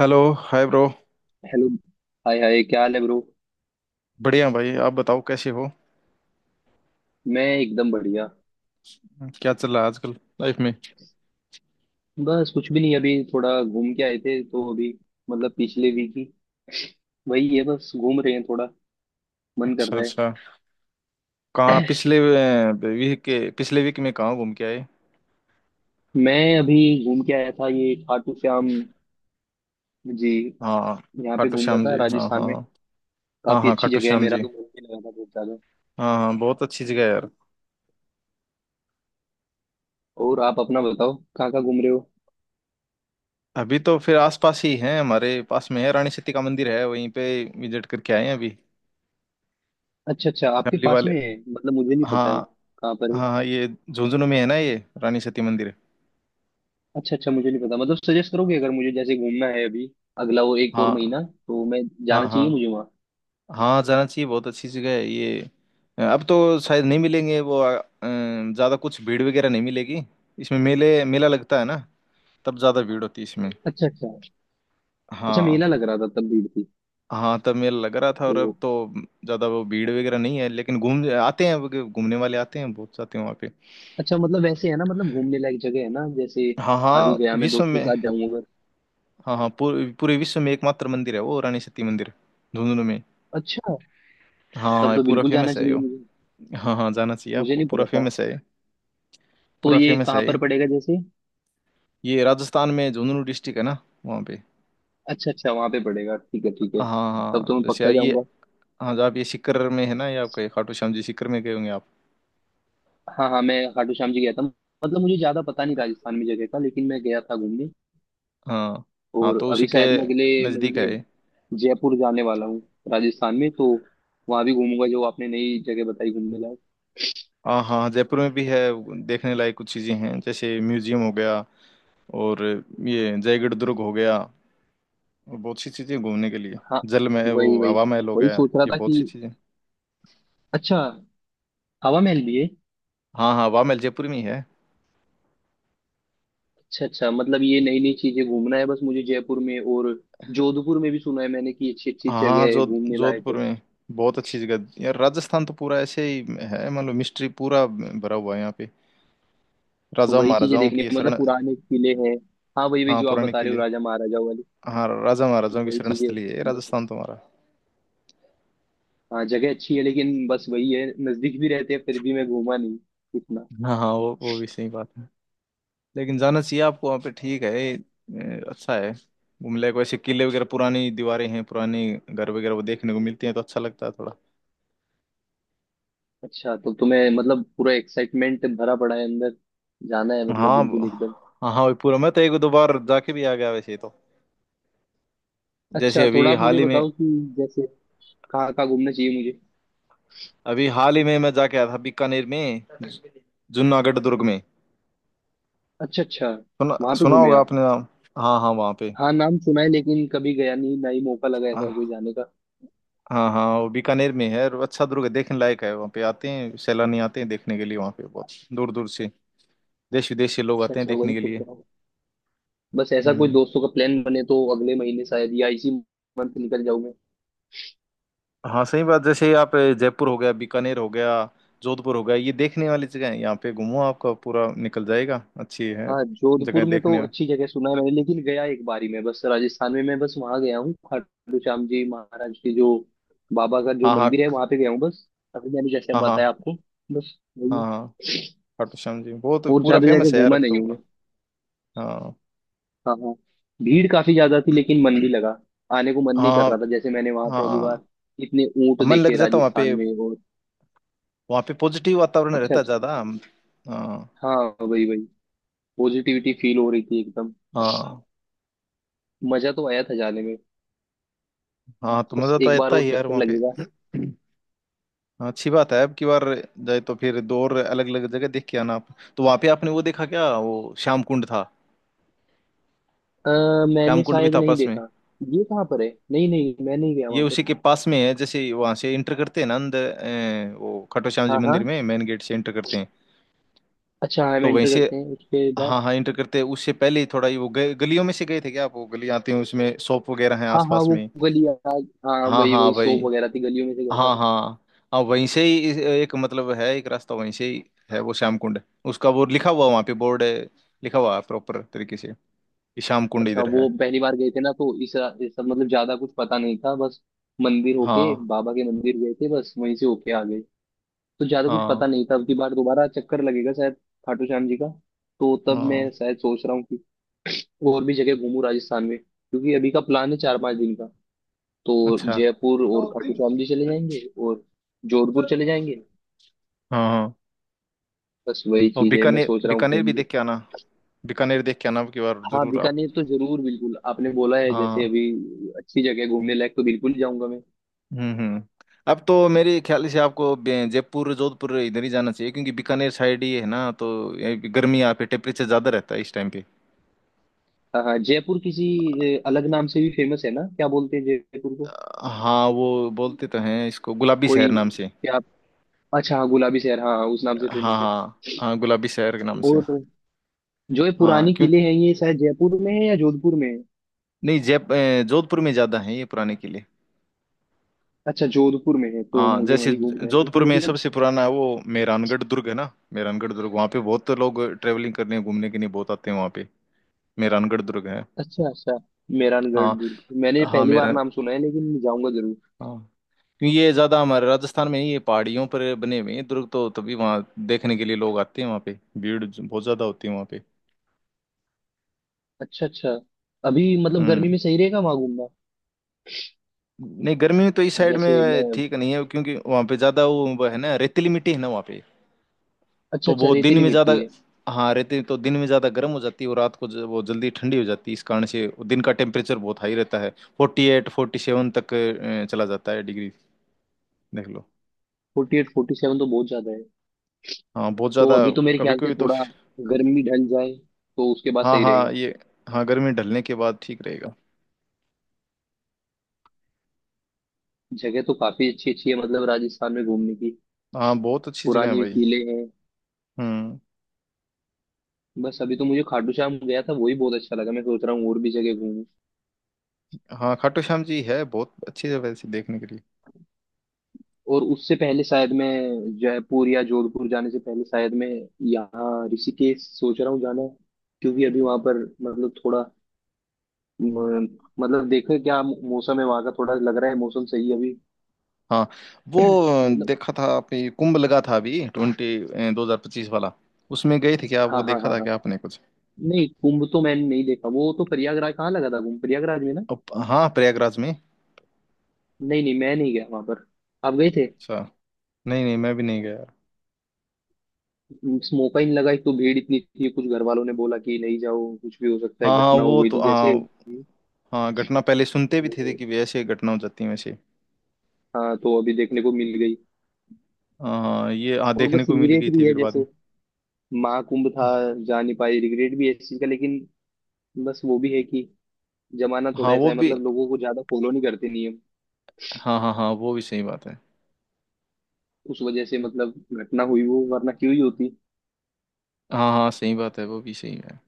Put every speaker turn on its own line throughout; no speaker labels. Hello hi bro.
Hello. Hi hi, क्या हाल है ब्रो?
बढ़िया भाई आप बताओ कैसे हो।
मैं एकदम बढ़िया।
क्या चल रहा है आजकल लाइफ में।
बस कुछ भी नहीं, अभी थोड़ा घूम के आए थे तो अभी मतलब पिछले वीक ही। वही है, बस घूम रहे हैं, थोड़ा मन कर
अच्छा
रहा है।
अच्छा। कहाँ पिछले वीक में कहाँ घूम के आए।
मैं अभी घूम के आया था ये खाटू श्याम जी।
हाँ
यहाँ पे
खाटू
घूम रहा
श्याम
था
जी हाँ
राजस्थान में।
हाँ। हाँ
काफी
हाँ
अच्छी
खाटू
जगह है,
श्याम
मेरा
जी।
तो मन भी लगा था बहुत ज्यादा।
हाँ हाँ बहुत अच्छी जगह है यार।
और आप अपना बताओ कहाँ कहाँ घूम रहे हो?
अभी तो फिर आसपास ही है हमारे पास में है रानी सती का मंदिर है वहीं पे विजिट करके आए हैं अभी।
अच्छा अच्छा, आपके
फैमिली
पास
वाले।
में है, मतलब मुझे नहीं
हाँ
पता है। कहाँ पर है?
हाँ। हाँ, ये झुंझुनू में है ना ये रानी सती मंदिर।
अच्छा अच्छा, मुझे नहीं पता, मतलब सजेस्ट करोगे अगर मुझे जैसे घूमना है अभी अगला वो एक और
हाँ
महीना तो मैं
हाँ।
जाना
हाँ
चाहिए मुझे वहाँ।
हाँ जाना चाहिए बहुत अच्छी जगह है ये। अब तो शायद नहीं मिलेंगे वो ज़्यादा कुछ भीड़ वगैरह नहीं मिलेगी। इसमें मेले मेला लगता है ना। तब ज़्यादा भीड़ होती है इसमें।
अच्छा अच्छा। अच्छा,
हाँ
मेला लग रहा था तब भीड़ थी
हाँ तब मेला लग रहा था और अब
तो।
तो ज़्यादा वो भीड़ वगैरह नहीं है लेकिन घूम आते हैं वो घूमने वाले आते हैं बहुत जाते हैं वहाँ पे।
अच्छा मतलब वैसे है ना, मतलब घूमने लायक जगह है ना जैसे
हाँ
अभी
हाँ
गया मैं
विश्व
दोस्तों के
में।
साथ जाऊं अगर।
हाँ हाँ पूरे पूरे विश्व में एकमात्र मंदिर है वो रानी सती मंदिर झुंझुनू में।
अच्छा
हाँ
तब
ये
तो
पूरा
बिल्कुल जाना
फेमस है ये।
चाहिए मुझे।
हाँ हाँ जाना चाहिए
मुझे
आपको
नहीं
पूरा
पता था।
फेमस है ये।
तो
पूरा
ये
फेमस
कहाँ
है
पर
ये।
पड़ेगा जैसे?
ये राजस्थान में झुंझुनू डिस्ट्रिक्ट है ना वहाँ पे।
अच्छा अच्छा वहां पे पड़ेगा, ठीक है ठीक है।
हाँ
तब
हाँ
तो मैं
जैसे
पक्का
ये।
जाऊंगा।
हाँ जो आप ये सीकर में है ना ये आपका ये खाटू श्याम जी सीकर में गए होंगे आप।
हाँ हाँ मैं खाटू श्याम जी गया था, मतलब मुझे ज्यादा पता नहीं राजस्थान में जगह का, लेकिन मैं गया था घूमने।
हाँ हाँ
और
तो उसी
अभी
के
शायद मैं अगले
नज़दीक
महीने
है ये।
जयपुर जाने वाला हूँ। राजस्थान में तो वहां भी घूमूंगा जो आपने नई जगह बताई घूमने लायक।
हाँ हाँ जयपुर में भी है देखने लायक कुछ चीज़ें हैं जैसे म्यूजियम हो गया और ये जयगढ़ दुर्ग हो गया और बहुत सी चीज़ें घूमने के लिए
हाँ
जल महल वो
वही वही,
हवा महल हो
वही
गया
सोच रहा
ये
था
बहुत
कि
सी चीज़ें।
अच्छा हवा महल भी है।
हाँ हाँ हवा महल जयपुर में ही है।
अच्छा अच्छा मतलब ये नई नई चीजें घूमना है बस मुझे जयपुर में, और जोधपुर में भी सुना है मैंने कि अच्छी अच्छी
हाँ हाँ
जगह है
जो
घूमने लायक
जोधपुर
है।
में बहुत अच्छी जगह यार राजस्थान तो पूरा ऐसे ही है मतलब मिस्ट्री पूरा भरा हुआ है यहाँ पे।
तो
राजाओं
वही चीजें
महाराजाओं
देखनी
की ये
है, मतलब
शरण।
पुराने किले हैं। हाँ वही वही
हाँ
जो आप
पुराने
बता रहे हो
किले।
राजा महाराजाओं वाली।
हाँ राजा महाराजाओं की
वही
शरण
चीजें
स्थली है ये राजस्थान
बस।
तुम्हारा।
हाँ जगह अच्छी है, लेकिन बस वही है, नजदीक भी रहते हैं फिर भी मैं घूमा नहीं इतना।
हाँ हाँ वो भी सही बात है लेकिन जाना चाहिए आपको वहाँ पे ठीक है अच्छा है घूम ले वैसे किले वगैरह पुरानी दीवारें हैं पुराने घर वगैरह वो देखने को मिलते हैं तो अच्छा लगता है थोड़ा।
अच्छा तो तुम्हें मतलब पूरा एक्साइटमेंट भरा पड़ा है अंदर, जाना है मतलब
हाँ
बिल्कुल एकदम।
हाँ हाँ वही पूरा मैं तो एक दो बार जाके भी आ गया वैसे तो जैसे
अच्छा, थोड़ा
अभी
आप
हाल
मुझे
ही में।
बताओ कि जैसे कहाँ कहाँ घूमना चाहिए मुझे।
अभी हाल ही में मैं जाके आया था बीकानेर में जूनागढ़ दुर्ग में।
अच्छा अच्छा
सुना
वहां पे
सुना
घूमे
होगा
आप?
आपने नाम। हाँ हाँ वहाँ पे।
हाँ नाम सुना है लेकिन कभी गया नहीं, ना ही मौका लगा ऐसा कोई जाने का।
हाँ हाँ वो बीकानेर में है और अच्छा दुर्ग है, देखने लायक है वहाँ पे आते हैं सैलानी आते हैं देखने के लिए वहाँ पे बहुत दूर दूर से देश विदेश से लोग
अच्छा
आते हैं
अच्छा वही
देखने के
सुन
लिए।
रहा हूँ। बस ऐसा कोई
हम्म।
दोस्तों का प्लान बने तो अगले महीने शायद या इसी मंथ निकल जाऊं मैं।
हाँ सही बात जैसे आप जयपुर हो गया बीकानेर हो गया जोधपुर हो गया ये देखने वाली जगह है यहाँ पे घूमो आपका पूरा निकल जाएगा अच्छी है
हाँ
जगह
जोधपुर में तो
देखने।
अच्छी जगह सुना है मैंने, लेकिन गया एक बार ही मैं, बस राजस्थान में मैं बस वहां गया हूँ खाटू श्याम जी महाराज के जो बाबा का जो
हाँ हाँ।
मंदिर है वहां पे गया हूँ बस। अभी मैंने जैसे
हाँ
बताया
हाँ।
आपको बस वही
हाँ
है।
हाँ खाटू श्याम जी बहुत
और
पूरा
ज्यादा जगह
फेमस है यार
घूमा
अब
नहीं
तो
हूँ मैं।
पूरा। हाँ
हाँ हाँ। भीड़ काफी ज्यादा थी लेकिन मन भी लगा। आने को मन नहीं कर
हाँ।
रहा था जैसे मैंने वहां पहली बार
हाँ
इतने ऊंट
मन लग
देखे
जाता
राजस्थान में। और
वहाँ पे पॉजिटिव वातावरण
अच्छा
रहता है
अच्छा।
ज्यादा हाँ।
हाँ वही वही, पॉजिटिविटी फील हो रही थी एकदम।
हाँ।
मजा तो आया था जाने में।
हाँ तो
बस
मजा तो
एक बार
आता है
और
यार
चक्कर
वहाँ पे।
लगेगा।
हाँ अच्छी बात है अब की बार जाए तो फिर दो और अलग अलग जगह देख के आना आप तो वहाँ पे आपने वो देखा क्या वो श्याम कुंड था। श्याम
मैंने
कुंड भी
शायद
था
नहीं
पास में।
देखा। ये कहाँ पर है? नहीं नहीं मैं नहीं गया
ये
वहां
उसी
पर।
के पास में है जैसे वहाँ से एंटर करते हैं ना अंदर वो खट्टू श्याम जी
हाँ
मंदिर
हाँ।
में मेन गेट से एंटर करते हैं
अच्छा हम
तो वहीं
एंटर
से।
करते हैं उसके बाद।
हाँ हाँ एंटर करते हैं उससे पहले ही थोड़ा ही वो गलियों में से गए थे क्या आप वो गली आते हैं उसमें शॉप वगैरह हैं
हाँ हाँ
आसपास
वो
में।
गली आज हाँ
हाँ
वही
हाँ
वही,
भाई।
सोप वगैरह थी गलियों में से गया
हाँ
था।
हाँ। हाँ वहीं से ही एक मतलब है एक रास्ता वहीं से ही है वो श्याम कुंड उसका वो लिखा हुआ वहाँ पे बोर्ड है लिखा हुआ है प्रॉपर तरीके से कि श्याम कुंड
अच्छा
इधर है।
वो पहली बार गए थे ना तो इस सब मतलब ज्यादा कुछ पता नहीं था बस। मंदिर होके
हाँ
बाबा के मंदिर गए थे, बस वहीं से होके आ गए। तो ज्यादा कुछ पता
हाँ।
नहीं था, अब की बार दोबारा चक्कर लगेगा शायद खाटू श्याम जी का। तो तब
हाँ
मैं शायद सोच रहा हूँ कि और भी जगह घूमू राजस्थान में, क्योंकि अभी का प्लान है 4 5 दिन का। तो
अच्छा।
जयपुर
हाँ
और खाटू श्याम जी चले जाएंगे और जोधपुर चले जाएंगे।
हाँ
बस वही
और
चीज है, मैं
बीकानेर
सोच रहा हूँ
बीकानेर
घूम
भी
लूँ।
देख के आना। बीकानेर देख के आना अब की बार
हाँ
जरूर आप।
बीकानेर तो जरूर, बिल्कुल आपने बोला है जैसे
हाँ
अभी अच्छी जगह है घूमने लायक तो बिल्कुल जाऊंगा मैं।
हम्म हम्म अब तो मेरे ख्याल से आपको जयपुर जोधपुर इधर ही जाना चाहिए क्योंकि बीकानेर साइड ही है ना तो ये भी गर्मी यहाँ पे टेम्परेचर ज़्यादा रहता है इस टाइम पे।
हाँ हाँ जयपुर किसी अलग नाम से भी फेमस है ना, क्या बोलते हैं जयपुर को?
हाँ वो बोलते तो हैं इसको गुलाबी शहर
कोई
नाम से।
क्या? अच्छा हाँ गुलाबी शहर, हाँ हाँ, उस नाम से
हाँ
फेमस है।
हाँ हाँ गुलाबी शहर के नाम से।
और जो ये
हाँ
पुरानी
क्यों
किले हैं ये शायद जयपुर में है या जोधपुर में है?
नहीं जोधपुर में ज्यादा है ये पुराने किले।
अच्छा जोधपुर में है तो
हाँ
मुझे
जैसे
वहीं घूमना है क्योंकि
जोधपुर में
मुझे
सबसे पुराना वो मेहरानगढ़ दुर्ग है ना मेहरानगढ़ दुर्ग वहाँ पे बहुत लोग ट्रेवलिंग करने घूमने के लिए बहुत आते हैं वहाँ पे। मेहरानगढ़ दुर्ग है।
अच्छा अच्छा। मेहरानगढ़
हाँ
दुर्ग मैंने
हाँ
पहली बार
मेरा।
नाम सुना है, लेकिन मैं जाऊंगा जरूर।
हाँ क्योंकि ये ज्यादा हमारे राजस्थान में ही ये पहाड़ियों पर बने हुए हैं दुर्ग तो तभी वहाँ देखने के लिए लोग आते हैं वहाँ पे भीड़ बहुत ज्यादा होती है वहाँ पे।
अच्छा अच्छा। अभी मतलब गर्मी
हम्म।
में सही रहेगा वहां घूमना?
नहीं गर्मी में तो इस साइड
जैसे मैं
में ठीक नहीं है क्योंकि वहाँ पे ज़्यादा वो है ना रेतीली मिट्टी है ना वहाँ पे
अच्छा
तो
अच्छा
वो दिन
रेतीली
में ज़्यादा।
मिट्टी है।
हाँ रेती तो दिन में ज़्यादा गर्म हो जाती है और रात को वो जल्दी ठंडी हो जाती है इस कारण से वो दिन का टेम्परेचर बहुत हाई रहता है 48 47 तक चला जाता है डिग्री देख लो।
48 47 तो बहुत ज्यादा है।
हाँ बहुत
तो
ज़्यादा
अभी तो मेरे
कभी
ख्याल से
कभी तो।
थोड़ा गर्मी ढल जाए तो उसके बाद
हाँ
सही
हाँ
रहेगा।
ये हाँ गर्मी ढलने के बाद ठीक रहेगा।
जगह तो काफी अच्छी अच्छी है मतलब राजस्थान में घूमने की।
हाँ बहुत अच्छी जगह है
पुराने
भाई।
किले हैं।
हम्म।
बस अभी तो मुझे खाटू श्याम गया था वही बहुत अच्छा लगा, मैं सोच रहा हूँ और भी जगह घूमूं।
हाँ खाटू श्याम जी है बहुत अच्छी जगह है वैसे देखने के लिए।
और उससे पहले शायद मैं जयपुर या जोधपुर जाने से पहले शायद मैं यहाँ ऋषिकेश सोच रहा हूँ जाना। क्योंकि अभी वहां पर मतलब थोड़ा म- मतलब देखो क्या मौसम है वहां का, थोड़ा लग रहा है मौसम सही है अभी
हाँ वो
मतलब।
देखा था आपने कुंभ लगा था अभी ट्वेंटी 2025 वाला उसमें गए थे क्या वो
हाँ हाँ
देखा था
हाँ।
क्या आपने कुछ।
नहीं कुंभ तो मैंने नहीं देखा, वो तो प्रयागराज कहाँ लगा था कुंभ, प्रयागराज में ना।
अब हाँ प्रयागराज में।
नहीं नहीं मैं नहीं गया वहां पर। आप गए थे?
अच्छा नहीं नहीं मैं भी नहीं गया यार।
मौका ही नहीं लगा, एक तो भीड़ इतनी थी, कुछ घर वालों ने बोला कि नहीं जाओ, कुछ भी हो सकता है,
हाँ हाँ
घटना हो
वो
गई
तो
थी
हाँ।
जैसे।
हाँ घटना पहले सुनते भी थे
वो-
कि भी ऐसे घटना हो जाती है वैसे।
हाँ तो अभी देखने को मिल गई।
हाँ हाँ, ये हाँ
और
देखने
बस
को मिल
रिग्रेट
गई थी
भी है
फिर बाद में।
जैसे महाकुंभ था, जा नहीं पाई, रिग्रेट भी है इस चीज का, लेकिन बस वो भी है कि जमाना
हाँ
थोड़ा ऐसा
वो
है,
भी।
मतलब लोगों को ज्यादा फॉलो नहीं करते नियम,
हाँ हाँ हाँ वो भी सही बात है।
उस वजह से मतलब घटना हुई वो, वरना क्यों ही होती।
हाँ हाँ सही बात है वो भी सही है।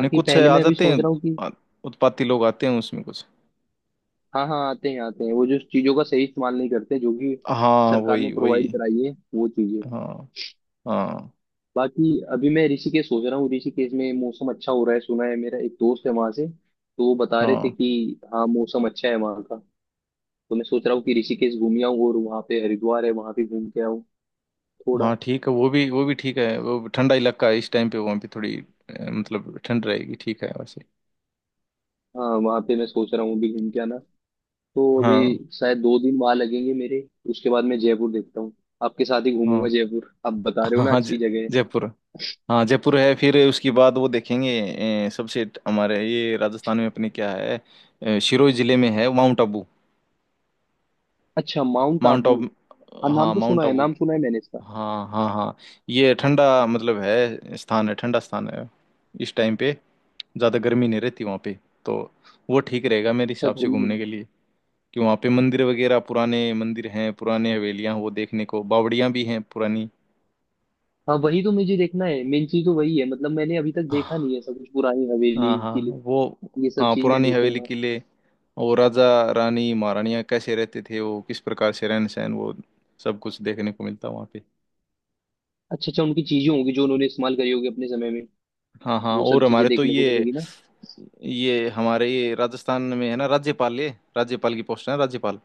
नहीं कुछ है,
पहले
आ
मैं अभी
जाते
सोच
हैं
रहा हूँ।
आ- उत्पाती लोग आते हैं उसमें कुछ।
हाँ हाँ आते हैं वो जो चीजों का सही इस्तेमाल नहीं करते जो कि
हाँ
सरकार ने
वही वही।
प्रोवाइड कराई है वो चीजें।
हाँ हाँ
बाकी अभी मैं ऋषिकेश सोच रहा हूँ, ऋषिकेश में मौसम अच्छा हो रहा है सुना है, मेरा एक दोस्त है वहां से तो वो बता रहे थे
हाँ।
कि हाँ मौसम अच्छा है वहाँ का। तो मैं सोच रहा हूँ कि ऋषिकेश घूम आऊँ और वहाँ पे हरिद्वार है वहाँ पे घूम के आऊँ
हाँ
थोड़ा।
ठीक है वो भी ठीक है वो ठंडा इलाका है इस टाइम पे वहाँ पे थोड़ी मतलब ठंड रहेगी ठीक है वैसे।
हाँ वहाँ पे मैं सोच रहा हूँ अभी घूम के आना। तो अभी
हाँ
शायद 2 दिन वहाँ लगेंगे मेरे। उसके बाद मैं जयपुर देखता हूँ। आपके साथ ही घूमूंगा
हाँ।
जयपुर, आप बता रहे हो
हाँ
ना
हाँ
अच्छी जगह है।
जयपुर। हाँ जयपुर है फिर उसके बाद वो देखेंगे सबसे हमारे ये राजस्थान में अपने क्या है सिरोही जिले में है माउंट आबू।
अच्छा माउंट
माउंट
आबू।
आबू।
हाँ नाम
हाँ
तो सुना
माउंट
है,
आबू।
नाम सुना है मैंने इसका।
हाँ हाँ हाँ ये ठंडा मतलब है स्थान है ठंडा स्थान है इस टाइम पे ज़्यादा गर्मी नहीं रहती वहाँ पे तो वो ठीक रहेगा मेरे
अच्छा
हिसाब से
गर्मी में।
घूमने के लिए कि वहाँ पे मंदिर वगैरह पुराने मंदिर हैं पुराने हवेलियाँ हैं वो देखने को बावड़ियाँ भी हैं पुरानी।
हाँ वही तो मुझे देखना है, मेन चीज तो वही है, मतलब मैंने अभी तक देखा
हाँ
नहीं है सब कुछ, पुरानी हवेली
हाँ
किले
वो।
ये सब
हाँ
चीज मैं
पुरानी हवेली
देखूंगा।
किले और राजा रानी महारानियाँ कैसे रहते थे वो किस प्रकार से रहन सहन वो सब कुछ देखने को मिलता वहाँ पे।
अच्छा अच्छा, उनकी चीजें होंगी जो उन्होंने इस्तेमाल करी होगी अपने समय में,
हाँ हाँ
वो सब
और
चीजें
हमारे तो
देखने को
ये
मिलेगी ना।
हमारे ये राजस्थान में है ना राज्यपाल ये राज्यपाल की पोस्ट है ना, राज्यपाल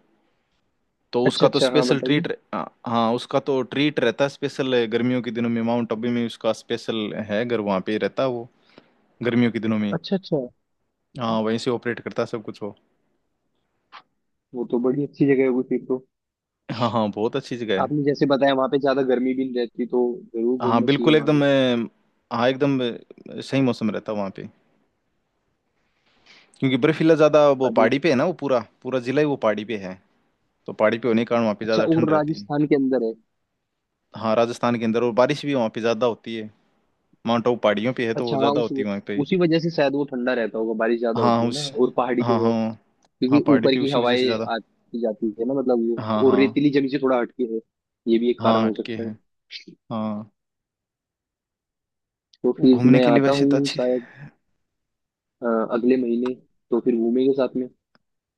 तो
अच्छा
उसका तो
अच्छा हाँ
स्पेशल
बताइए।
ट्रीट। हाँ उसका तो ट्रीट रहता है स्पेशल गर्मियों के दिनों में माउंट आबू में उसका स्पेशल है घर वहाँ पे रहता है वो गर्मियों के दिनों में।
अच्छा अच्छा।
हाँ वहीं से ऑपरेट करता है सब कुछ हो।
वो तो बड़ी अच्छी जगह होगी फिर तो।
हाँ हाँ बहुत अच्छी जगह है।
आपने जैसे बताया वहां पे ज्यादा गर्मी भी नहीं रहती तो जरूर
हाँ
घूमना चाहिए
बिल्कुल
वहां
एकदम
भी।
हाँ एकदम सही मौसम रहता है वहाँ पे क्योंकि बर्फीला ज़्यादा वो
अभी
पहाड़ी पे है ना वो पूरा पूरा जिला ही वो पहाड़ी पे है तो पहाड़ी पे होने के कारण वहाँ पे
अच्छा
ज़्यादा
और
ठंड रहती है।
राजस्थान के अंदर है?
हाँ राजस्थान के अंदर और बारिश भी वहाँ पे ज़्यादा होती है माउंट आबू पहाड़ियों पे है तो वो
अच्छा हाँ
ज़्यादा
उस
होती है वहाँ पे।
उसी वजह से शायद वो ठंडा रहता होगा, बारिश ज्यादा होती
हाँ
है ना
उस।
और पहाड़ी पे
हाँ
है।
हाँ। हाँ
क्योंकि
पहाड़ी
ऊपर
पे
की
उसी वजह
हवाएं
से ज़्यादा।
आती जाती है ना मतलब ये।
हाँ
और
हाँ।
रेतीली जमीन से थोड़ा हटके है, ये भी एक कारण
हाँ
हो
अटके
सकता है।
हैं। हाँ
तो
वो
फिर
घूमने
मैं
के लिए
आता
वैसे तो
हूँ
अच्छी।
शायद अ, अगले महीने। तो फिर घूमेंगे साथ में।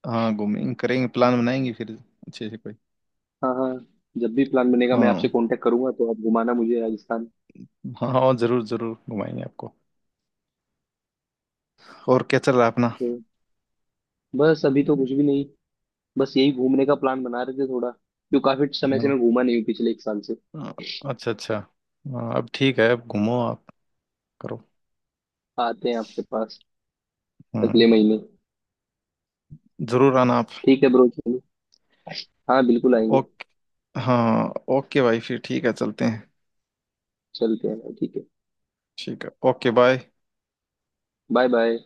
हाँ घूमेंगे करेंगे प्लान बनाएंगे फिर अच्छे से कोई।
हाँ हाँ जब भी प्लान बनेगा मैं आपसे
हाँ
कांटेक्ट करूंगा तो आप घुमाना मुझे राजस्थान।
हाँ। हाँ जरूर जरूर घुमाएंगे आपको और क्या चल रहा है अपना।
तो बस अभी तो कुछ भी नहीं, बस यही घूमने का प्लान बना रहे थे, थोड़ा क्यों काफी समय से
हाँ,
मैं घूमा नहीं हूँ पिछले एक साल से।
हाँ, अच्छा अच्छा। हाँ, अब ठीक है अब घूमो आप करो।
आते हैं आपके पास
हम्म।
अगले महीने।
जरूर आना आप।
ठीक है ब्रो चलो। हाँ बिल्कुल आएंगे।
ओके। हाँ ओके भाई फिर ठीक है चलते हैं
चलते हैं ठीक है।
ठीक है ओके बाय।
Bye bye.